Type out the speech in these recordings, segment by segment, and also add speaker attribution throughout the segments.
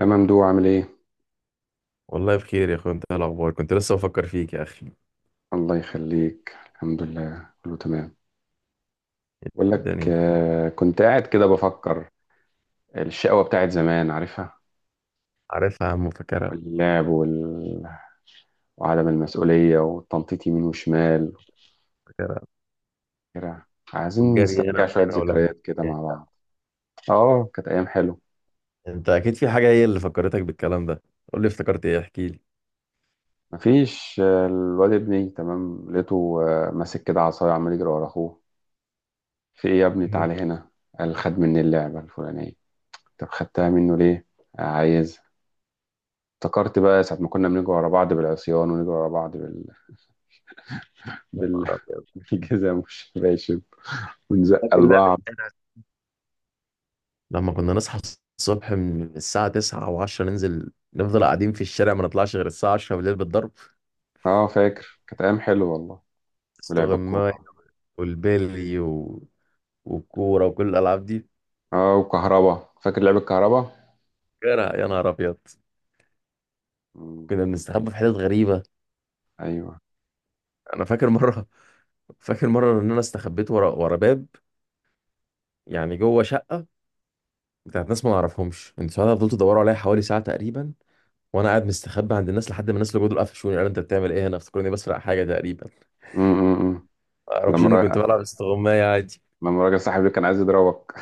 Speaker 1: يا ممدوح، عامل ايه؟
Speaker 2: والله بخير يا اخويا. انت إيه الاخبار؟ كنت لسه بفكر فيك يا اخي.
Speaker 1: الله يخليك، الحمد لله كله تمام. بقول لك
Speaker 2: الدنيا.
Speaker 1: آه، كنت قاعد كده بفكر. الشقوة بتاعت زمان، عارفها؟
Speaker 2: عارفها يا عم، فاكرها.
Speaker 1: واللعب وعدم المسؤولية والتنطيط يمين وشمال.
Speaker 2: فاكرها.
Speaker 1: كده، عايزين
Speaker 2: والجري هنا
Speaker 1: نسترجع شوية
Speaker 2: وهنا ولا هنا.
Speaker 1: ذكريات كده مع بعض. اه كانت أيام حلوة.
Speaker 2: انت اكيد في حاجه هي اللي فكرتك بالكلام ده. قول لي افتكرت ايه، احكي لي.
Speaker 1: مفيش، الواد ابني تمام لقيته. ماسك كده عصاية عمال يجري ورا أخوه. في ايه يا ابني؟
Speaker 2: مهم.
Speaker 1: تعالى هنا. قال خد مني اللعبة الفلانية. طب خدتها منه ليه؟ عايز. افتكرت بقى ساعة ما كنا بنجري ورا بعض بالعصيان ونجري ورا بعض
Speaker 2: يا
Speaker 1: بال...
Speaker 2: نهار أبيض.
Speaker 1: بالجزم والشباشب ونزق
Speaker 2: فاكر لعبة
Speaker 1: لبعض.
Speaker 2: إيه؟ لما كنا نصحى الصبح من الساعه 9 و10 ننزل نفضل قاعدين في الشارع، ما نطلعش غير الساعه 10 بالليل بالضرب.
Speaker 1: اه فاكر، كانت أيام حلوة والله. ولعب
Speaker 2: استغماية.
Speaker 1: الكورة.
Speaker 2: والبيلي والكوره وكل الالعاب دي.
Speaker 1: اه وكهربا، فاكر لعب الكهربا.
Speaker 2: فاكرها، يا نهار ابيض.
Speaker 1: مم.
Speaker 2: كنا بنستخبى في حتت غريبه.
Speaker 1: أيوه.
Speaker 2: انا فاكر مره. فاكر مره ان انا استخبيت ورا باب، يعني جوه شقه بتاعت ناس ما نعرفهمش. انتوا ساعتها فضلتوا تدوروا عليا حوالي ساعه تقريبا، وانا قاعد مستخبي عند الناس لحد ما الناس اللي جوه دول قفشوني، قالوا انت بتعمل ايه هنا، افتكروني بسرق حاجه تقريبا.
Speaker 1: مم. مم. مم.
Speaker 2: ما اعرفش
Speaker 1: لما
Speaker 2: اني كنت
Speaker 1: الراجل
Speaker 2: بلعب استغمايه عادي.
Speaker 1: لما الراجل صاحبي كان عايز يضربك.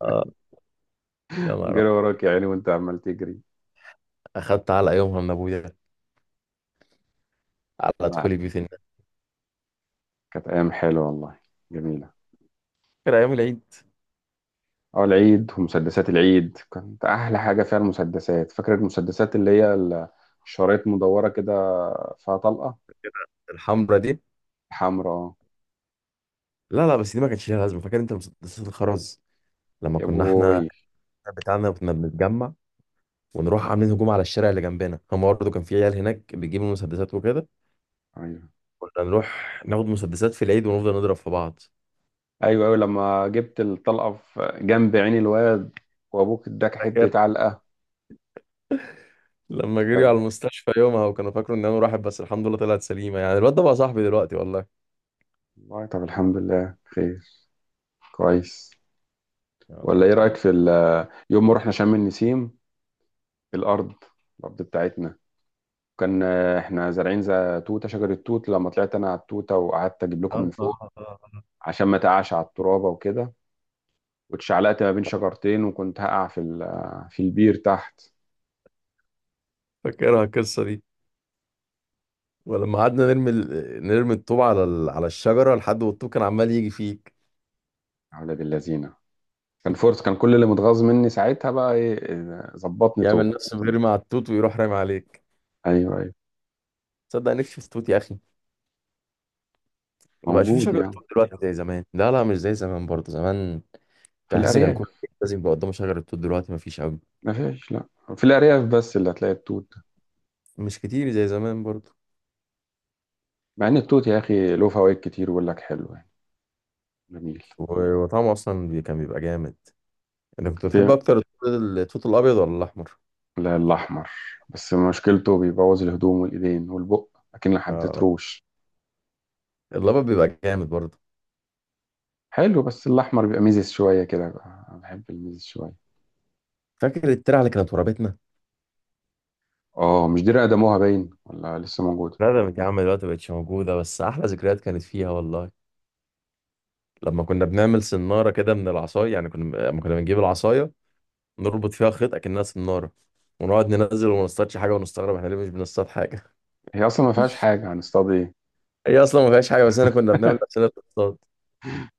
Speaker 2: اه. يا نهار أبيض.
Speaker 1: جري وراك يا عيني وأنت عمال تجري.
Speaker 2: اخدت على يومها من ابويا على
Speaker 1: لا،
Speaker 2: دخولي بيوت الناس.
Speaker 1: كانت أيام حلوة والله، جميلة.
Speaker 2: فاكر ايام العيد.
Speaker 1: اه العيد ومسدسات العيد، كانت أحلى حاجة فيها المسدسات. فاكر المسدسات اللي هي شرايط مدورة كده فيها طلقة.
Speaker 2: الحمرا دي.
Speaker 1: حمرا اه.
Speaker 2: لا لا، بس دي ما كانش ليها لازمه. فاكر انت مسدسات الخرز؟ لما
Speaker 1: يا
Speaker 2: كنا احنا
Speaker 1: بوي.
Speaker 2: بتاعنا كنا بنتجمع ونروح عاملين هجوم على الشارع اللي جنبنا، هم برضه كان في عيال هناك بيجيبوا مسدسات وكده.
Speaker 1: ايوه.
Speaker 2: كنا نروح ناخد مسدسات في العيد ونفضل نضرب في بعض.
Speaker 1: ايوه ايوه لما جبت الطلقه في جنب عين الواد وابوك اداك
Speaker 2: فاكر
Speaker 1: حته علقه.
Speaker 2: لما جريوا
Speaker 1: آه.
Speaker 2: على المستشفى يومها، وكانوا فاكروا ان انا راحت، بس الحمد لله طلعت سليمه. يعني الواد ده بقى صاحبي دلوقتي والله.
Speaker 1: والله طب الحمد لله خير، كويس.
Speaker 2: يا نهار
Speaker 1: ولا ايه رايك
Speaker 2: ابيض.
Speaker 1: في يوم ما رحنا شم النسيم؟ الارض الارض بتاعتنا، كان احنا زارعين زي توته، شجر التوت. لما طلعت انا على التوته وقعدت اجيب لكم
Speaker 2: آه،
Speaker 1: من
Speaker 2: آه،
Speaker 1: فوق
Speaker 2: آه، آه.
Speaker 1: عشان ما تقعش على الترابه وكده، واتشعلقت ما بين شجرتين وكنت هقع في في البير تحت.
Speaker 2: فاكرها القصه دي. ولما قعدنا نرمي نرمي الطوب على على الشجره لحد والطوب كان عمال يجي فيك.
Speaker 1: يا ولاد اللذينه. كان فورس، كان كل اللي متغاظ مني ساعتها بقى ايه إيه، ظبطني طوب.
Speaker 2: يعمل نفسه بيرمي على التوت، ويروح رامي عليك.
Speaker 1: ايوه ايوه
Speaker 2: تصدق نفسي في التوت يا اخي؟ ما بقاش في
Speaker 1: موجود
Speaker 2: شجره
Speaker 1: يعني.
Speaker 2: توت دلوقتي زي زمان. لا لا، مش زي زمان برضه زمان.
Speaker 1: في
Speaker 2: تحس كان كل
Speaker 1: الارياف.
Speaker 2: واحد لازم يبقى قدامه شجرة توت، دلوقتي مفيش قوي.
Speaker 1: ما فيش، لا. في الارياف بس اللي هتلاقي التوت ده.
Speaker 2: مش كتير زي زمان برضه.
Speaker 1: مع ان التوت يا اخي له فوائد كتير، بيقول لك حلو يعني جميل.
Speaker 2: وطعمه اصلا كان بيبقى جامد. انا كنت
Speaker 1: في،
Speaker 2: بتحب اكتر التوت. التوت الابيض ولا الاحمر؟
Speaker 1: لا الاحمر. بس مشكلته بيبوظ الهدوم والايدين والبق، لكن
Speaker 2: آه.
Speaker 1: حددتروش.
Speaker 2: الابيض بيبقى جامد برضه.
Speaker 1: حلو، بس الاحمر بيبقى ميزز شويه كده بقى. انا بحب الميزز شويه.
Speaker 2: فاكر الترعه اللي كانت ورابتنا.
Speaker 1: اه، مش دي رقدموها باين ولا لسه موجوده؟
Speaker 2: ندمت يا عم، دلوقتي مبقتش موجوده، بس احلى ذكريات كانت فيها والله. لما كنا بنعمل سناره كده من العصايه، يعني لما كنا بنجيب العصايه نربط فيها خيط اكنها سناره، ونقعد ننزل وما نصطادش حاجه، ونستغرب احنا ليه مش بنصطاد حاجه.
Speaker 1: هي اصلا ما فيهاش حاجه، هنصطاد ايه؟
Speaker 2: هي اصلا ما فيهاش حاجه، بس انا كنا بنعمل نفسنا بنصطاد.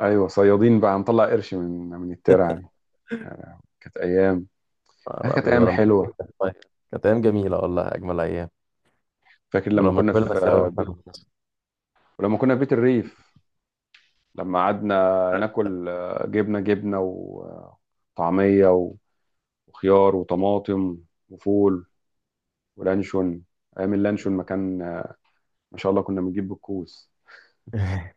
Speaker 1: ايوه صيادين بقى، هنطلع قرش من الترعه دي. كانت ايام.
Speaker 2: آه،
Speaker 1: كانت
Speaker 2: لا،
Speaker 1: ايام
Speaker 2: ولما
Speaker 1: حلوه.
Speaker 2: كبرنا. طيب. كانت أيام جميلة والله، أجمل أيام.
Speaker 1: فاكر لما
Speaker 2: ولما
Speaker 1: كنا
Speaker 2: كبرنا
Speaker 1: في
Speaker 2: سوا إحنا
Speaker 1: بيت،
Speaker 2: كنا
Speaker 1: ولما كنا في بيت الريف. لما قعدنا
Speaker 2: صغار.
Speaker 1: ناكل جبنه جبنه وطعميه وخيار وطماطم وفول ولانشون. ايام اللانشون ما كان ما شاء الله كنا بنجيب بالكوس.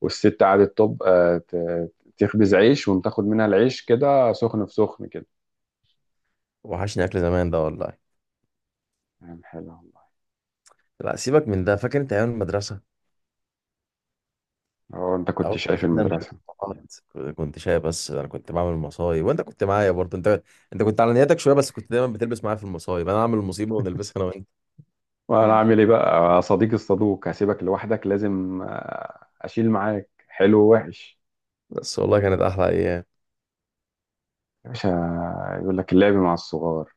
Speaker 1: والست قعدت طب تخبز عيش وتاخد منها العيش كده سخن في سخن كده.
Speaker 2: وحشني أكل زمان ده والله.
Speaker 1: ايام حلوه والله.
Speaker 2: لا، سيبك من ده. فاكر أنت أيام المدرسة؟
Speaker 1: اه انت كنت
Speaker 2: أو
Speaker 1: شايف
Speaker 2: أنا مش
Speaker 1: المدرسه.
Speaker 2: كنت شايف، بس أنا كنت بعمل مصايب، وأنت كنت معايا برضه أنت. أنت كنت على نياتك شوية، بس كنت دايما بتلبس معايا في المصايب. أنا أعمل المصيبة ونلبسها أنا وأنت.
Speaker 1: وانا عامل ايه بقى؟ صديق الصدوق هسيبك لوحدك؟ لازم اشيل معاك حلو ووحش.
Speaker 2: بس والله كانت أحلى أيام.
Speaker 1: يا باشا. يقول لك اللعب مع الصغار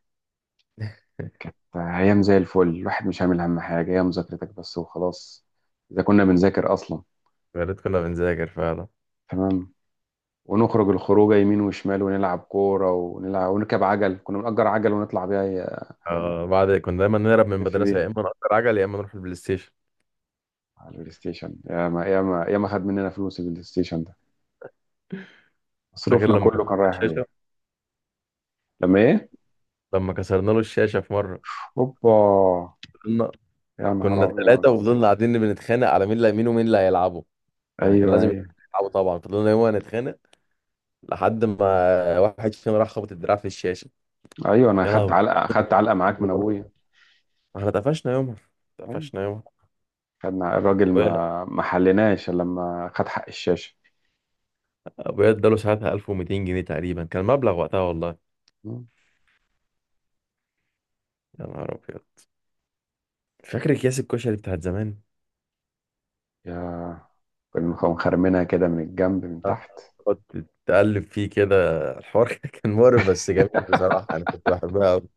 Speaker 1: كانت ايام زي الفل. الواحد مش عامل هم حاجه، هي مذاكرتك بس وخلاص، اذا كنا بنذاكر اصلا.
Speaker 2: يا ريت كنا بنذاكر فعلا.
Speaker 1: تمام. ونخرج الخروجه يمين وشمال ونلعب كوره ونلعب ونركب عجل، كنا بنأجر عجل ونطلع بيها،
Speaker 2: آه، بعد كنا دايما نهرب من
Speaker 1: نلف
Speaker 2: المدرسة،
Speaker 1: بيها
Speaker 2: يا إما نأجر عجل يا إما نروح البلاي ستيشن.
Speaker 1: على البلاي ستيشن. يا ما يا ما يا ما خد مننا فلوس البلاي ستيشن ده،
Speaker 2: فاكر
Speaker 1: مصروفنا
Speaker 2: لما
Speaker 1: كله كان
Speaker 2: كسرنا
Speaker 1: رايح
Speaker 2: الشاشة؟
Speaker 1: عليه. لما ايه؟
Speaker 2: لما كسرنا له الشاشة في مرة.
Speaker 1: هوبا، يا نهار
Speaker 2: كنا ثلاثة
Speaker 1: ابيض.
Speaker 2: وفضلنا قاعدين بنتخانق على مين اللي مين ومين اللي هيلعبوا. يعني كان
Speaker 1: ايوه
Speaker 2: لازم
Speaker 1: ايوه
Speaker 2: يلعبوا طبعا. فضلنا يوم نتخانق لحد ما واحد فينا راح خبط الدراع في الشاشة.
Speaker 1: ايوه، انا
Speaker 2: يا
Speaker 1: خدت
Speaker 2: لهوي.
Speaker 1: علقه، معاك من ابويا.
Speaker 2: احنا اتقفشنا يومها،
Speaker 1: ايوه.
Speaker 2: اتقفشنا يومها.
Speaker 1: خدنا الراجل،
Speaker 2: ابويا
Speaker 1: ما حلناش إلا لما خد حق الشاشه.
Speaker 2: ابويا اداله ساعتها 1200 جنيه تقريبا، كان مبلغ وقتها والله.
Speaker 1: مم.
Speaker 2: يا نهار ابيض. فاكر اكياس الكشري بتاعت زمان.
Speaker 1: يا، كنا مخرمينها كده من الجنب من تحت.
Speaker 2: تقعد تقلب فيه كده. الحوار كان مقرف بس جميل بصراحة. انا كنت بحبها أوي.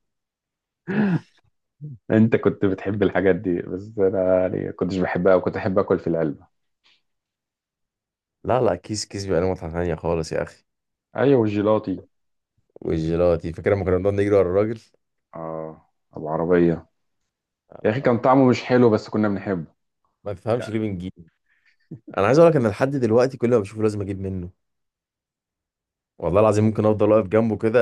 Speaker 1: انت كنت بتحب الحاجات دي، بس انا يعني كنتش بحبها وكنت احب اكل في العلبه.
Speaker 2: لا لا، كيس كيس بيبقى له متعة تانية خالص يا اخي.
Speaker 1: ايوه والجيلاطي.
Speaker 2: والجيلاتي، فاكر لما كنا بنقعد نجري ورا الراجل؟
Speaker 1: اه ابو عربيه. يا اخي
Speaker 2: آه.
Speaker 1: كان طعمه مش حلو بس كنا بنحبه.
Speaker 2: ما تفهمش
Speaker 1: لا،
Speaker 2: ليه بنجيب. انا عايز اقول لك ان لحد دلوقتي كل ما بشوفه لازم اجيب منه. والله العظيم ممكن افضل واقف جنبه كده.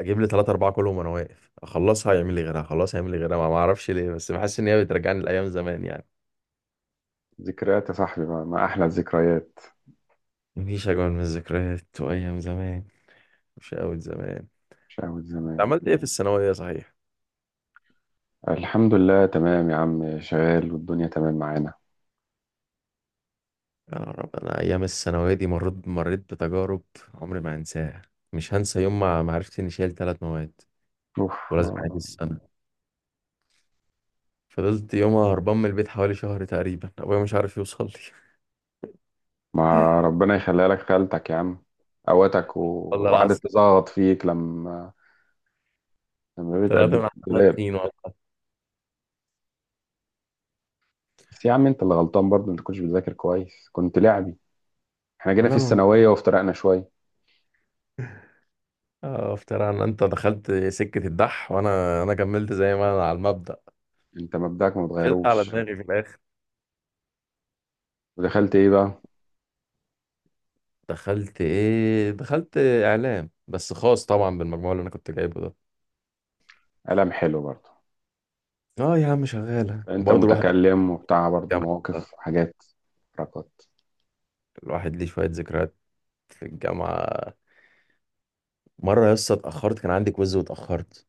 Speaker 2: اجيب لي ثلاثة أربعة كلهم وانا واقف، اخلصها يعمل لي غيرها، اخلصها يعمل لي غيرها. ما اعرفش ليه، بس بحس ان هي بترجعني لايام زمان يعني.
Speaker 1: ذكريات يا صاحبي، ما احلى الذكريات.
Speaker 2: مفيش اجمل من الذكريات وايام زمان، وشقاوة زمان.
Speaker 1: شقاوة
Speaker 2: انت
Speaker 1: زمان.
Speaker 2: عملت ايه في الثانوية صحيح؟
Speaker 1: الحمد لله تمام يا عم، شغال والدنيا تمام معانا.
Speaker 2: يا رب. انا ايام الثانوية دي مريت بتجارب عمري ما هنساها. مش هنسى يوم ما عرفت اني شايل ثلاث مواد
Speaker 1: اوف
Speaker 2: ولازم اعيد
Speaker 1: آه.
Speaker 2: السنة. فضلت يومها هربان من البيت حوالي شهر تقريبا، ابويا مش عارف يوصل لي.
Speaker 1: ما ربنا يخليها لك خالتك يا عم. قوتك و...
Speaker 2: والله
Speaker 1: وقعدت
Speaker 2: العظيم.
Speaker 1: تزغط فيك لما
Speaker 2: طلعت
Speaker 1: بتقدم
Speaker 2: من على
Speaker 1: الدولاب.
Speaker 2: طين والله.
Speaker 1: بس يا عم انت اللي غلطان برضه، انت كنتش بتذاكر كويس، كنت لعبي. احنا جينا في
Speaker 2: والله ما.
Speaker 1: الثانويه وافترقنا شويه.
Speaker 2: آه، افترى ان انت دخلت سكة الدح، وانا انا كملت زي ما انا على المبدأ.
Speaker 1: انت مبدأك ما
Speaker 2: شلت على
Speaker 1: اتغيروش.
Speaker 2: دماغي في الاخر.
Speaker 1: ودخلت ايه بقى؟
Speaker 2: دخلت ايه؟ دخلت اعلام، بس خاص طبعا بالمجموع اللي انا كنت جايبه ده.
Speaker 1: قلم حلو برضه.
Speaker 2: اه يا عم، شغالة
Speaker 1: انت
Speaker 2: برضه الواحد في
Speaker 1: متكلم وبتاع برضه،
Speaker 2: الجامعة.
Speaker 1: مواقف حاجات حركات.
Speaker 2: الواحد ليه شوية ذكريات في الجامعة. مرة يا اسطى اتأخرت، كان عندي كويز واتأخرت.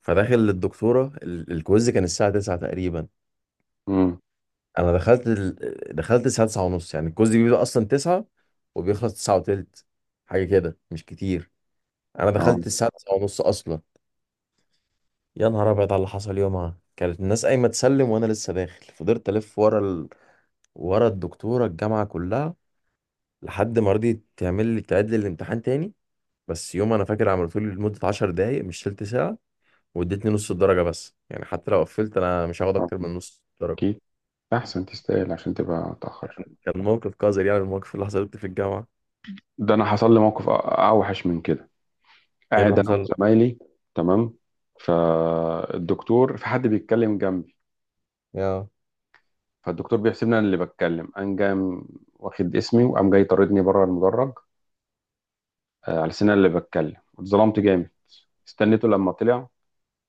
Speaker 2: فداخل للدكتورة، الكويز كان الساعة 9 تقريبا.
Speaker 1: امم.
Speaker 2: انا دخلت دخلت الساعه 9 ونص. يعني الكوز بيبدأ اصلا 9 وبيخلص 9 وتلت، حاجه كده مش كتير. انا
Speaker 1: اه.
Speaker 2: دخلت الساعه 9 ونص اصلا. يا نهار ابيض على اللي حصل يومها. كانت الناس قايمه تسلم وانا لسه داخل. فضلت الف ورا ورا الدكتوره الجامعه كلها لحد ما رضيت تعمل لي تعيد لي الامتحان تاني. بس يوم انا فاكر عملته لي لمده 10 دقائق مش تلت ساعه، وادتني نص الدرجه بس. يعني حتى لو قفلت انا مش هاخد
Speaker 1: آه.
Speaker 2: اكتر من نص الدرجه.
Speaker 1: اكيد، احسن تستاهل عشان تبقى اتاخر.
Speaker 2: كان موقف قذر يعني، الموقف اللي حصلت في الجامعه.
Speaker 1: ده انا حصل لي موقف اوحش من كده.
Speaker 2: ايه اللي
Speaker 1: قاعد انا
Speaker 2: حصل؟
Speaker 1: وزمايلي، تمام. في حد بيتكلم جنبي،
Speaker 2: يا
Speaker 1: فالدكتور بيحسبني انا اللي بتكلم، قام جام واخد اسمي وقام جاي طاردني بره المدرج. على سن أنا اللي بتكلم، اتظلمت جامد. استنيته لما طلع.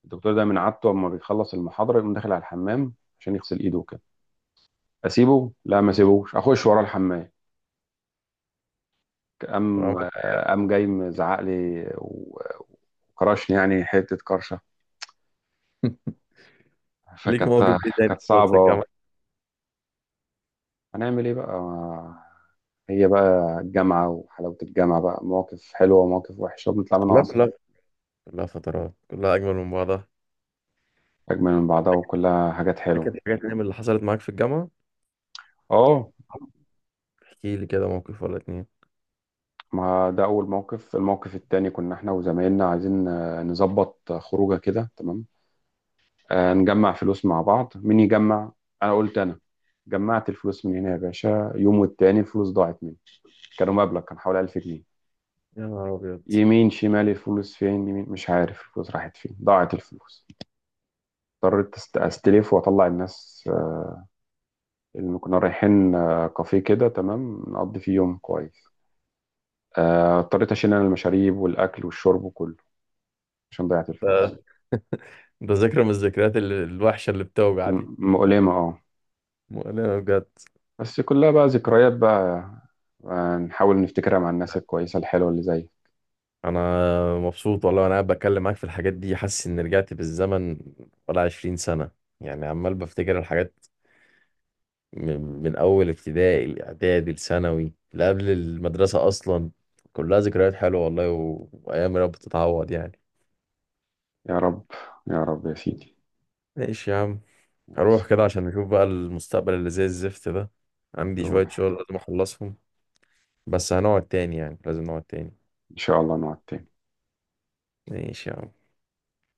Speaker 1: الدكتور ده من عادته اما بيخلص المحاضره يقوم داخل على الحمام عشان يغسل ايده وكده. اسيبه؟ لا، ما اسيبوش. اخش ورا الحمام. قام
Speaker 2: وعملت-
Speaker 1: آه، قام جاي مزعق لي وكرشني يعني حته كرشه.
Speaker 2: ليك مواقف
Speaker 1: فكانت،
Speaker 2: ايه تاني
Speaker 1: كانت
Speaker 2: حصلت في
Speaker 1: صعبه
Speaker 2: الجامعة؟
Speaker 1: أه. هنعمل ايه بقى؟ هي بقى الجامعة، وحلاوة الجامعة بقى مواقف حلوة ومواقف وحشة
Speaker 2: بس
Speaker 1: وبنطلع منها
Speaker 2: والله
Speaker 1: أصحاب.
Speaker 2: كلها فترات كلها أجمل من بعضها.
Speaker 1: أجمل من بعضها، وكلها حاجات حلوة.
Speaker 2: فاكر حاجات تانية من اللي حصلت معاك في الجامعة.
Speaker 1: اه.
Speaker 2: احكي لي كده موقف ولا اتنين.
Speaker 1: ما ده أول موقف. الموقف التاني كنا احنا وزمايلنا عايزين نظبط خروجة كده تمام، نجمع فلوس مع بعض. مين يجمع؟ أنا قلت أنا. جمعت الفلوس من هنا يا باشا، يوم والتاني الفلوس ضاعت مني. كانوا مبلغ كان حوالي 1000 جنيه.
Speaker 2: يا نهار أبيض.
Speaker 1: يمين شمال الفلوس فين؟ يمين، مش عارف الفلوس راحت فين، ضاعت الفلوس. اضطريت استلف واطلع الناس. إن كنا رايحين كافيه كده تمام نقضي فيه يوم كويس. اضطريت أشيل أنا المشاريب والأكل والشرب وكله عشان ضيعت
Speaker 2: ده
Speaker 1: الفلوس.
Speaker 2: ده ذكرى من الذكريات الوحشة اللي بتوجع دي.
Speaker 1: مؤلمة اه.
Speaker 2: مؤلمة بجد.
Speaker 1: بس كلها بقى ذكريات بقى. نحاول نفتكرها مع الناس الكويسة الحلوة اللي زي.
Speaker 2: أنا مبسوط والله. وأنا قاعد بتكلم معاك في الحاجات دي، حاسس إن رجعت بالزمن ولا 20 سنة يعني. عمال بفتكر الحاجات من اول ابتدائي، الاعدادي، الثانوي، اللي قبل المدرسه اصلا. كلها ذكريات حلوه والله، وايام يا رب تتعوض يعني.
Speaker 1: يا رب، يا رب يا سيدي.
Speaker 2: ماشي يا عم. هروح
Speaker 1: ماشي.
Speaker 2: كده عشان نشوف بقى المستقبل اللي زي الزفت ده. عندي
Speaker 1: روح.
Speaker 2: شويه شغل لازم اخلصهم، بس هنقعد تاني يعني. لازم نقعد تاني.
Speaker 1: إن شاء الله نقعد تاني.
Speaker 2: ماشي يا عم.